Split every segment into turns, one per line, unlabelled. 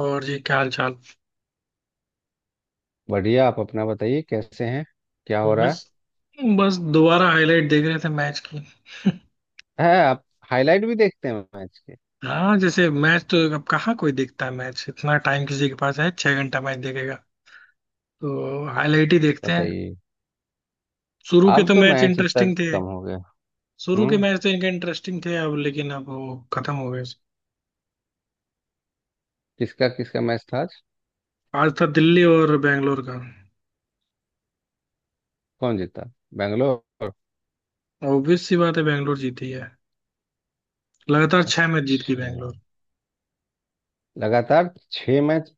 और जी, क्या हाल चाल?
बढ़िया। आप अपना बताइए कैसे हैं? क्या हो
तो
रहा
बस
है?
बस दोबारा हाईलाइट देख रहे थे मैच की।
है आप हाईलाइट भी देखते हैं मैच के?
हाँ, जैसे मैच तो अब कहाँ कोई देखता है? मैच इतना टाइम किसी के पास है? 6 घंटा मैच देखेगा, तो हाईलाइट ही देखते हैं।
बताइए।
शुरू के
अब
तो
तो
मैच
मैच इतना
इंटरेस्टिंग थे।
कम हो गया।
शुरू के
हम्म।
मैच तो इनके इंटरेस्टिंग थे अब, लेकिन अब वो खत्म हो गए।
किसका किसका मैच था आज?
आज था दिल्ली और बैंगलोर का।
कौन जीता? बेंगलोर?
ऑब्वियस सी बात है, बैंगलोर जीती है। लगातार छह मैच जीत गई बैंगलोर।
अच्छा, लगातार 6 मैच,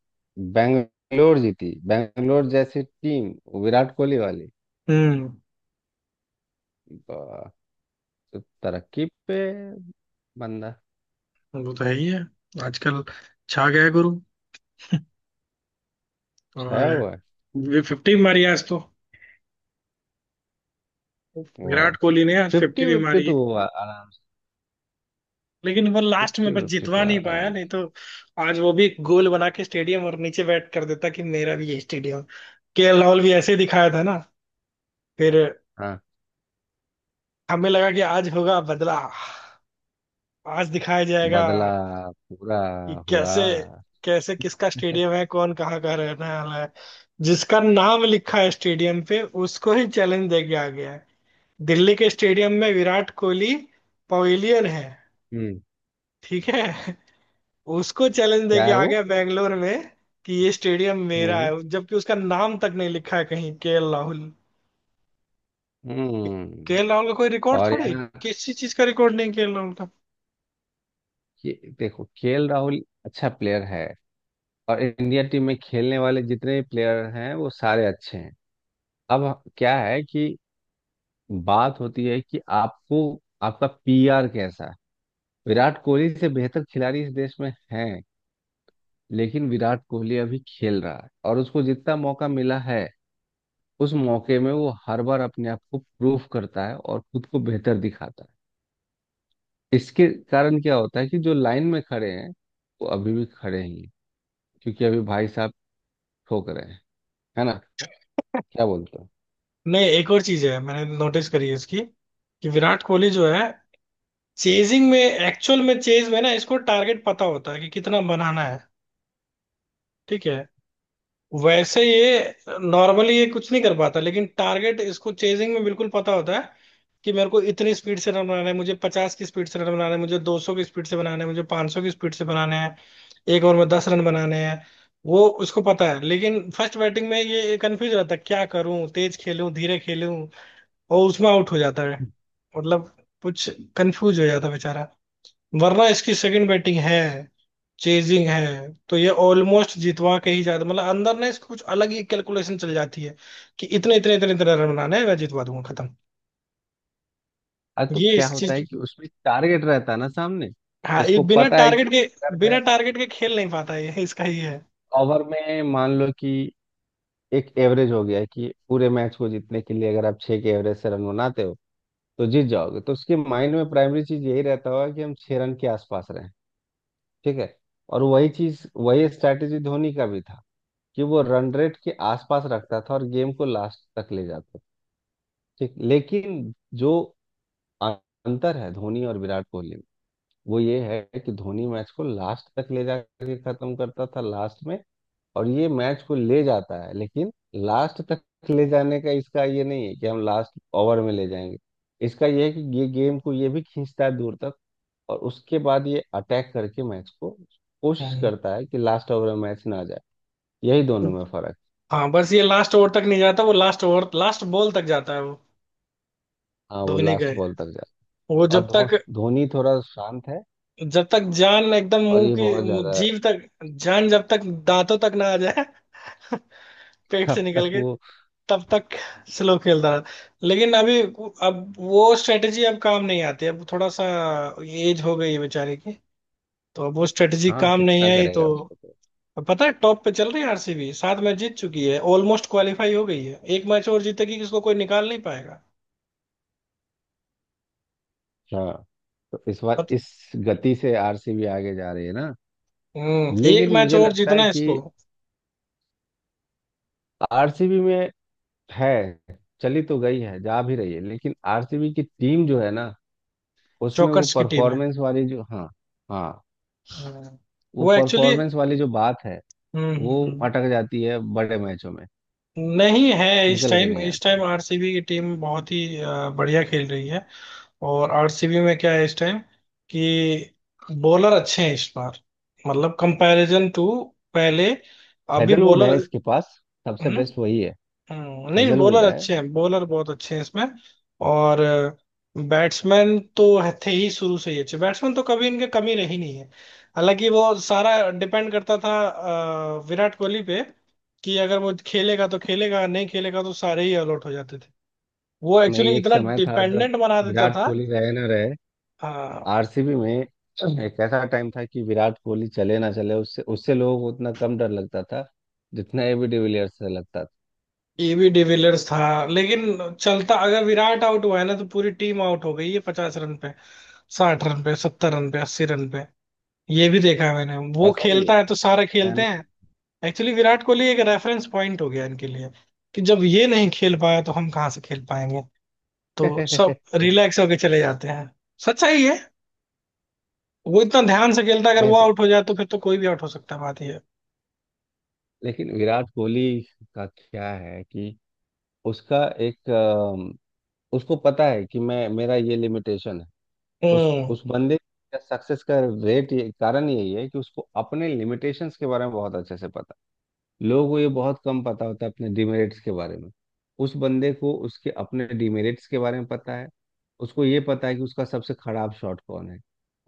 बेंगलोर जीती? बेंगलोर जैसी टीम, विराट कोहली वाली।
हम्म।
वाह, तो तरक्की पे बंदा,
वो तो है ही है, आजकल छा गया है गुरु।
छाया हुआ है।
और फिफ्टी मारी आज तो।
वाह,
विराट कोहली ने आज फिफ्टी
फिफ्टी
भी
फिफ्टी
मारी।
तो हुआ आराम से।
लेकिन वो लास्ट में
फिफ्टी
बस
फिफ्टी
जितवा
तो
नहीं पाया,
आराम
नहीं
से।
तो आज वो भी एक गोल बना के स्टेडियम और नीचे बैठ कर देता कि मेरा भी ये स्टेडियम। केएल राहुल भी ऐसे ही दिखाया था ना। फिर
हाँ।
हमें लगा कि आज होगा बदला, आज दिखाया जाएगा
बदला पूरा
कि
हुआ।
कैसे, कैसे किसका स्टेडियम है, कौन कहाँ का रहने वाला है। जिसका नाम लिखा है स्टेडियम पे, उसको ही चैलेंज दे के आ गया है। दिल्ली के स्टेडियम में विराट कोहली पवेलियन है,
हम्म।
ठीक है। उसको चैलेंज दे
क्या
के
है
आ
वो?
गया बैंगलोर में कि ये स्टेडियम मेरा
हम्म।
है, जबकि उसका नाम तक नहीं लिखा है कहीं, के एल राहुल। के
हम्म।
एल राहुल का कोई रिकॉर्ड
और
थोड़े।
यहाँ
किसी चीज का रिकॉर्ड नहीं के एल राहुल का।
के, देखो, केएल राहुल अच्छा प्लेयर है। और इंडिया टीम में खेलने वाले जितने प्लेयर हैं वो सारे अच्छे हैं। अब क्या है कि बात होती है कि आपको, आपका पीआर कैसा है। विराट कोहली से बेहतर खिलाड़ी इस देश में हैं, लेकिन विराट कोहली अभी खेल रहा है और उसको जितना मौका मिला है, उस मौके में वो हर बार अपने आप को प्रूफ करता है और खुद को बेहतर दिखाता है। इसके कारण क्या होता है कि जो लाइन में खड़े हैं, वो अभी भी खड़े ही हैं। क्योंकि अभी भाई साहब ठोक रहे हैं, है ना? क्या बोलते हो?
नहीं, एक और चीज है, मैंने नोटिस करी है इसकी, कि विराट कोहली जो है, चेजिंग में, एक्चुअल में चेज में ना, इसको टारगेट पता होता है कि कितना बनाना है, ठीक है। वैसे ये नॉर्मली ये कुछ नहीं कर पाता, लेकिन टारगेट इसको चेजिंग में बिल्कुल पता होता है कि मेरे को इतनी स्पीड से रन बनाना है, मुझे 50 की स्पीड से रन बनाना है, मुझे 200 की स्पीड से बनाना है, मुझे 500 की स्पीड से बनाने हैं, एक ओवर में 10 रन बनाने हैं, वो उसको पता है। लेकिन फर्स्ट बैटिंग में ये कंफ्यूज रहता है, क्या करूं, तेज खेलूं, धीरे खेलूं, और उसमें आउट हो जाता है। मतलब कुछ कंफ्यूज हो जाता है बेचारा। वरना इसकी सेकंड बैटिंग है, चेजिंग है, तो ये ऑलमोस्ट जितवा के ही जाता। मतलब अंदर ना इसको कुछ अलग ही कैलकुलेशन चल जाती है, कि इतने इतने इतने इतने रन बनाना है, मैं जितवा दूंगा, खत्म।
अरे, तो
ये
क्या
इस
होता है
चीज
कि उसमें टारगेट रहता है ना सामने, तो
हाँ, ये
इसको
बिना
पता है कि
टारगेट के
अगर
बिना
मैं
टारगेट के खेल नहीं पाता, ये इसका ही है।
ओवर में मान लो कि एक एवरेज हो गया है कि पूरे मैच को जीतने के लिए अगर आप 6 के एवरेज से रन बनाते हो तो जीत जाओगे, तो उसके माइंड में प्राइमरी चीज यही रहता होगा कि हम 6 रन के आसपास रहे। ठीक है। और वही चीज, वही स्ट्रैटेजी धोनी का भी था कि वो रन रेट के आसपास रखता था और गेम को लास्ट तक ले जाता था। ठीक, लेकिन जो अंतर है धोनी और विराट कोहली में, वो ये है कि धोनी मैच को लास्ट तक ले जाके खत्म करता था लास्ट में। और ये मैच को ले जाता है लेकिन लास्ट तक ले जाने का इसका ये नहीं है कि हम लास्ट ओवर में ले जाएंगे। इसका ये है कि ये गेम को ये भी खींचता है दूर तक, और उसके बाद ये अटैक करके मैच को कोशिश
हम्म।
करता है कि लास्ट ओवर में मैच ना जाए। यही दोनों में फर्क
हाँ, बस ये लास्ट ओवर तक नहीं जाता, वो लास्ट ओवर लास्ट बॉल तक जाता है वो,
है। हाँ, वो
धोनी का।
लास्ट बॉल तक जाता
वो
है। और
जब तक
धोनी थोड़ा शांत है
जब तक जान एकदम
और
मुंह
ये
की
बहुत ज्यादा है।
जीव तक, जान जब तक दांतों तक ना आ जाए, पेट से
अब
निकल
तक
के,
वो।
तब तक स्लो खेलता रहा। लेकिन अभी, अब वो स्ट्रेटजी अब काम नहीं आती, अब थोड़ा सा एज हो गई है बेचारे की, तो अब वो स्ट्रेटजी
हाँ,
काम नहीं
कितना
आई तो।
करेगा उसको तो।
अब पता है, टॉप पे चल रही है आरसीबी, 7 मैच जीत चुकी है, ऑलमोस्ट क्वालिफाई हो गई है, एक मैच और जीतेगी, इसको कोई निकाल नहीं पाएगा।
हाँ, तो इस बार
पत,
इस गति से आरसीबी आगे जा रही है ना।
हम्म, एक
लेकिन
मैच
मुझे
और
लगता
जीतना
है
है इसको।
कि आरसीबी में है, चली तो गई है, जा भी रही है, लेकिन आरसीबी की टीम जो है ना, उसमें वो
जोकर्स की टीम है।
परफॉर्मेंस वाली जो, हाँ। हाँ,
हम्म,
वो
वो एक्चुअली,
परफॉर्मेंस वाली जो बात है,
हम्म हम्म,
वो
हम्म।
अटक जाती है बड़े मैचों में,
नहीं है, इस
निकल के
टाइम
नहीं
इस टाइम
आती।
आरसीबी की टीम बहुत ही बढ़िया खेल रही है। और आरसीबी में क्या है इस टाइम, कि बॉलर अच्छे हैं इस बार, मतलब कंपैरिजन टू पहले, अभी
हेजलवुड है
बॉलर,
इसके पास, सबसे
हम्म,
बेस्ट वही है।
नहीं बॉलर
हेजलवुड है।
अच्छे हैं, बॉलर बहुत अच्छे हैं इसमें। और बैट्समैन तो थे ही शुरू से ही अच्छे, बैट्समैन तो कभी इनके कमी रही नहीं है। हालांकि वो सारा डिपेंड करता था विराट कोहली पे, कि अगर वो खेलेगा तो खेलेगा, नहीं खेलेगा तो सारे ही आउट हो जाते थे। वो
नहीं,
एक्चुअली
एक
इतना
समय था जब
डिपेंडेंट बना देता
विराट
था।
कोहली रहे ना रहे,
हाँ,
आरसीबी में एक ऐसा टाइम था कि विराट कोहली चले ना चले उससे उससे लोगों को उतना कम डर लगता था जितना एबी डिविलियर्स से लगता
ईबी डिविलियर्स था, लेकिन चलता। अगर विराट आउट हुआ है ना, तो पूरी टीम आउट हो गई है 50 रन पे, 60 रन पे, 70 रन पे, 80 रन पे, ये भी देखा है मैंने।
था।
वो
ऐसा भी है
खेलता है तो सारे
है
खेलते
ना?
हैं। एक्चुअली विराट कोहली एक रेफरेंस पॉइंट हो गया इनके लिए, कि जब ये नहीं खेल पाया तो हम कहाँ से खेल पाएंगे, तो सब रिलैक्स होके चले जाते हैं। सच्चाई है। वो इतना ध्यान से खेलता है, अगर वो
नहीं तो।
आउट हो जाए तो फिर तो कोई भी आउट हो सकता है, बात ये है।
लेकिन विराट कोहली का क्या है कि उसका एक, उसको पता है कि मैं, मेरा ये लिमिटेशन है। उस
हम्म।
उस बंदे का सक्सेस का रेट, ये कारण यही है कि उसको अपने लिमिटेशंस के बारे में बहुत अच्छे से पता है। लोगों को ये बहुत कम पता होता है अपने डिमेरिट्स के बारे में। उस बंदे को उसके अपने डिमेरिट्स के बारे में पता है। उसको ये पता है कि उसका सबसे खराब शॉट कौन है।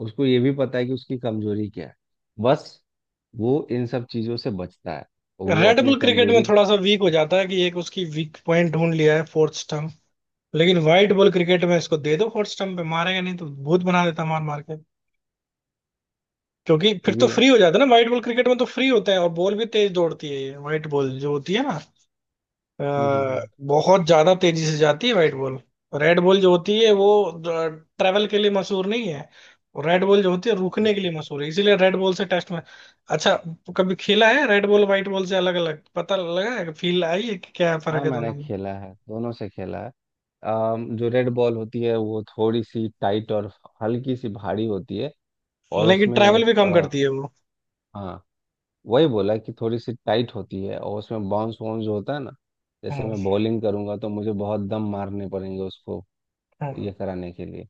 उसको ये भी पता है कि उसकी कमजोरी क्या है। बस, वो इन सब चीजों से बचता है और वो
रेड
अपने
बुल क्रिकेट में
कमजोरी को,
थोड़ा सा वीक हो जाता है, कि एक उसकी वीक पॉइंट ढूंढ लिया है, फोर्थ स्टंप, लेकिन व्हाइट बॉल क्रिकेट में इसको दे दो, हॉट स्टम्प पे मारेगा, नहीं तो भूत बना देता मार मार के। क्योंकि
ये
फिर तो
भी है।
फ्री हो जाता है ना, व्हाइट बॉल क्रिकेट में तो फ्री होता है, और बॉल भी तेज दौड़ती है, ये व्हाइट बॉल जो होती है ना,
हम्म। हम्म। हम्म।
बहुत ज्यादा तेजी से जाती है व्हाइट बॉल। रेड बॉल जो होती है वो ट्रेवल के लिए मशहूर नहीं है। रेड बॉल जो होती है रुकने के लिए
बिल्कुल।
मशहूर है, इसीलिए रेड बॉल से टेस्ट में अच्छा। कभी खेला है रेड बॉल, व्हाइट बॉल से अलग अलग पता लगा है, फील आई है कि क्या फर्क
हाँ,
है
मैंने
दोनों में?
खेला है, दोनों से खेला है। जो रेड बॉल होती है वो थोड़ी सी टाइट और हल्की सी भारी होती है, और
लेकिन
उसमें
ट्रैवल भी
एक
कम करती है वो।
हाँ, वही बोला कि थोड़ी सी टाइट होती है, और उसमें बाउंस वाउंस जो होता है ना, जैसे
हम्म
मैं बॉलिंग करूंगा तो मुझे बहुत दम मारने पड़ेंगे उसको ये
हम्म।
कराने के लिए।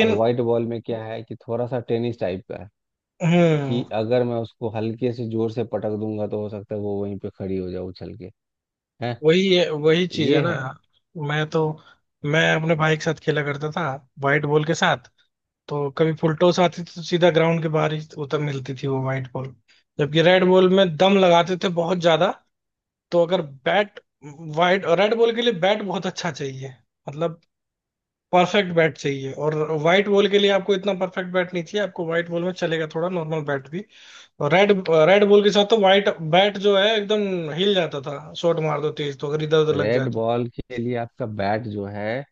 और वाइट बॉल में क्या है कि थोड़ा सा टेनिस टाइप का है
हम्म,
कि अगर मैं उसको हल्के से जोर से पटक दूंगा तो हो सकता है वो वहीं पे खड़ी हो जाए उछल के, है,
वही वही चीज है
ये
ना।
है।
मैं तो मैं अपने भाई के साथ खेला करता था व्हाइट बॉल के साथ, तो कभी फुल टॉस आती थी तो सीधा ग्राउंड के बाहर ही उतर मिलती थी वो व्हाइट बॉल। जबकि रेड बॉल में दम लगाते थे बहुत ज्यादा। तो अगर बैट, व्हाइट और रेड बॉल के लिए बैट बहुत अच्छा चाहिए, मतलब परफेक्ट बैट चाहिए, और व्हाइट बॉल के लिए आपको इतना परफेक्ट बैट नहीं चाहिए, आपको व्हाइट बॉल में चलेगा थोड़ा नॉर्मल बैट भी। और रेड रेड बॉल के साथ तो व्हाइट बैट जो है एकदम हिल जाता था। शॉट मार दो तेज तो अगर इधर उधर लग जाए
रेड
तो।
बॉल के लिए आपका बैट जो है,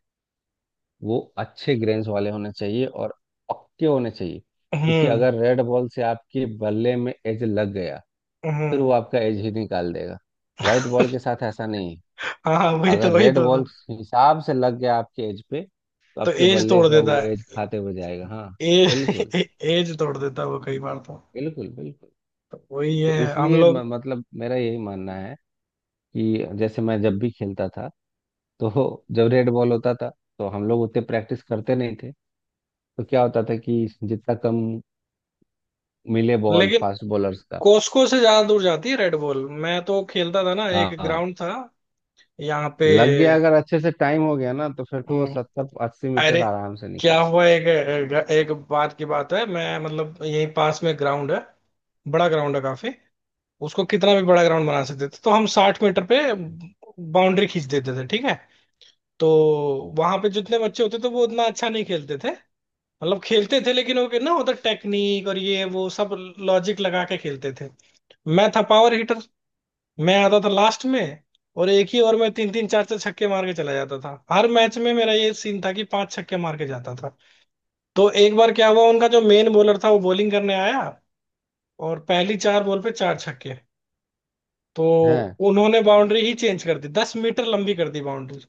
वो अच्छे ग्रेन्स वाले होने चाहिए और पक्के होने चाहिए, क्योंकि
हम्म
अगर रेड बॉल से आपके बल्ले में एज लग गया, फिर वो
हम्म,
आपका एज ही निकाल देगा। व्हाइट बॉल के साथ ऐसा नहीं है।
हाँ हाँ, वही तो
अगर
वही
रेड
तो
बॉल
था।
हिसाब से लग गया आपके एज पे तो
तो
आपके
एज
बल्ले
तोड़
का
देता
वो एज
है,
खाते हुए जाएगा। हाँ, बिल्कुल
एज एज तोड़ देता है वो कई बार तो।
बिल्कुल बिल्कुल।
तो वही
तो
है, हम
इसलिए
लोग।
मतलब मेरा यही मानना है कि जैसे मैं जब भी खेलता था, तो जब रेड बॉल होता था तो हम लोग उतने प्रैक्टिस करते नहीं थे। तो क्या होता था कि जितना कम मिले बॉल
लेकिन
फास्ट बॉलर्स का,
कोस्को से ज्यादा दूर जाती है रेड बॉल, मैं तो खेलता था ना,
हाँ
एक
हाँ,
ग्राउंड था यहाँ पे।
लग गया अगर अच्छे से टाइम हो गया ना, तो फिर तो वो
हम्म।
70-80 मीटर
अरे,
आराम से
क्या
निकले।
हुआ, एक एक बात की बात है, मैं मतलब यही पास में ग्राउंड है, बड़ा ग्राउंड है काफी, उसको कितना भी बड़ा ग्राउंड बना सकते थे, तो हम 60 मीटर पे बाउंड्री खींच देते थे, ठीक है। तो वहां पे जितने बच्चे होते थे वो उतना अच्छा नहीं खेलते थे, मतलब खेलते थे, लेकिन वो ना होता टेक्निक और ये वो सब, लॉजिक लगा के खेलते थे। मैं था पावर हिटर, मैं आता था लास्ट में, और एक ही ओवर में तीन तीन चार चार छक्के मार के चला जाता था। हर मैच में मेरा ये सीन था कि पांच छक्के मार के जाता था। तो एक बार क्या हुआ, उनका जो मेन बॉलर था वो बॉलिंग करने आया, और पहली चार बॉल पे चार छक्के, तो
हैं?
उन्होंने बाउंड्री ही चेंज कर दी, 10 मीटर लंबी कर दी बाउंड्री।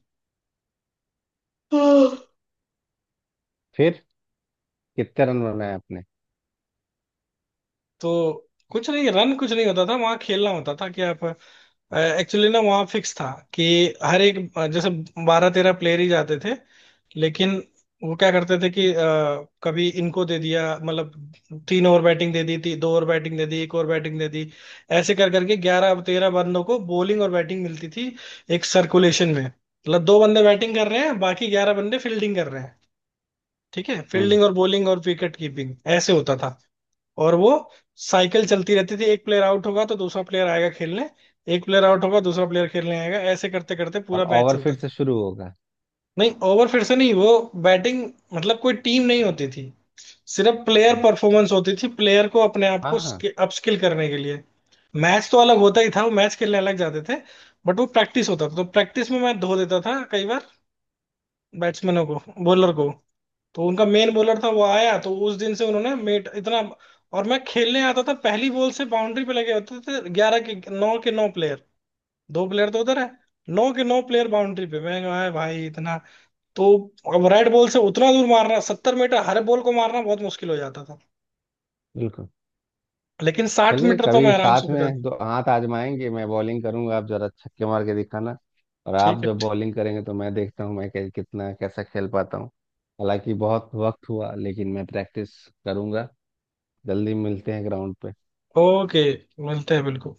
हाँ,
फिर कितने रन बनाए आपने?
तो कुछ नहीं रन, कुछ नहीं होता था, वहां खेलना होता था कि आप, एक्चुअली ना वहां फिक्स था कि हर एक, जैसे 12-13 प्लेयर ही जाते थे, लेकिन वो क्या करते थे कि कभी इनको दे दिया, मतलब तीन ओवर बैटिंग दे दी थी, दो ओवर बैटिंग दे दी, एक ओवर बैटिंग दे दी। ऐसे कर करके 11-13 बंदों को बॉलिंग और बैटिंग मिलती थी, एक सर्कुलेशन में। मतलब दो बंदे बैटिंग कर रहे हैं, बाकी 11 बंदे फील्डिंग कर रहे हैं, ठीक है,
हम्म।
फील्डिंग और बॉलिंग और विकेट कीपिंग, ऐसे होता था। और वो साइकिल चलती रहती थी, एक प्लेयर आउट होगा तो दूसरा प्लेयर आएगा खेलने, एक प्लेयर आउट होगा दूसरा प्लेयर खेलने आएगा, ऐसे करते करते
और
पूरा मैच
ओवर
चलता
फिर से
था।
शुरू होगा?
नहीं, ओवर फिर से नहीं, वो बैटिंग, मतलब कोई टीम नहीं होती थी, सिर्फ प्लेयर परफॉर्मेंस होती थी, प्लेयर को अपने आप
हाँ
को
हाँ
अपस्किल करने के लिए। मैच तो अलग होता ही था, वो मैच खेलने अलग जाते थे, बट वो प्रैक्टिस होता था। तो प्रैक्टिस में मैं धो देता था कई बार, बैट्समैनों को, बॉलर को। तो उनका मेन बॉलर था, वो आया तो उस दिन से उन्होंने मेट इतना, और मैं खेलने आता था पहली बॉल से, बाउंड्री पे लगे होते थे 11 के, नौ के नौ प्लेयर, दो प्लेयर तो उधर है, नौ के नौ प्लेयर बाउंड्री पे, मैं कहा भाई इतना। तो अब राइट बॉल से उतना दूर मारना, 70 मीटर हर बॉल को मारना बहुत मुश्किल हो जाता था,
बिल्कुल।
लेकिन साठ
चलिए,
मीटर तो
कभी
मैं आराम से
साथ
बता।
में दो हाथ आजमाएंगे, मैं बॉलिंग करूंगा आप जरा छक्के मार के दिखाना। और आप
ठीक है।
जब बॉलिंग करेंगे तो मैं देखता हूँ मैं कितना कैसा खेल पाता हूँ। हालांकि बहुत वक्त हुआ, लेकिन मैं प्रैक्टिस करूंगा। जल्दी मिलते हैं ग्राउंड पे।
ओके, मिलते हैं, बिल्कुल।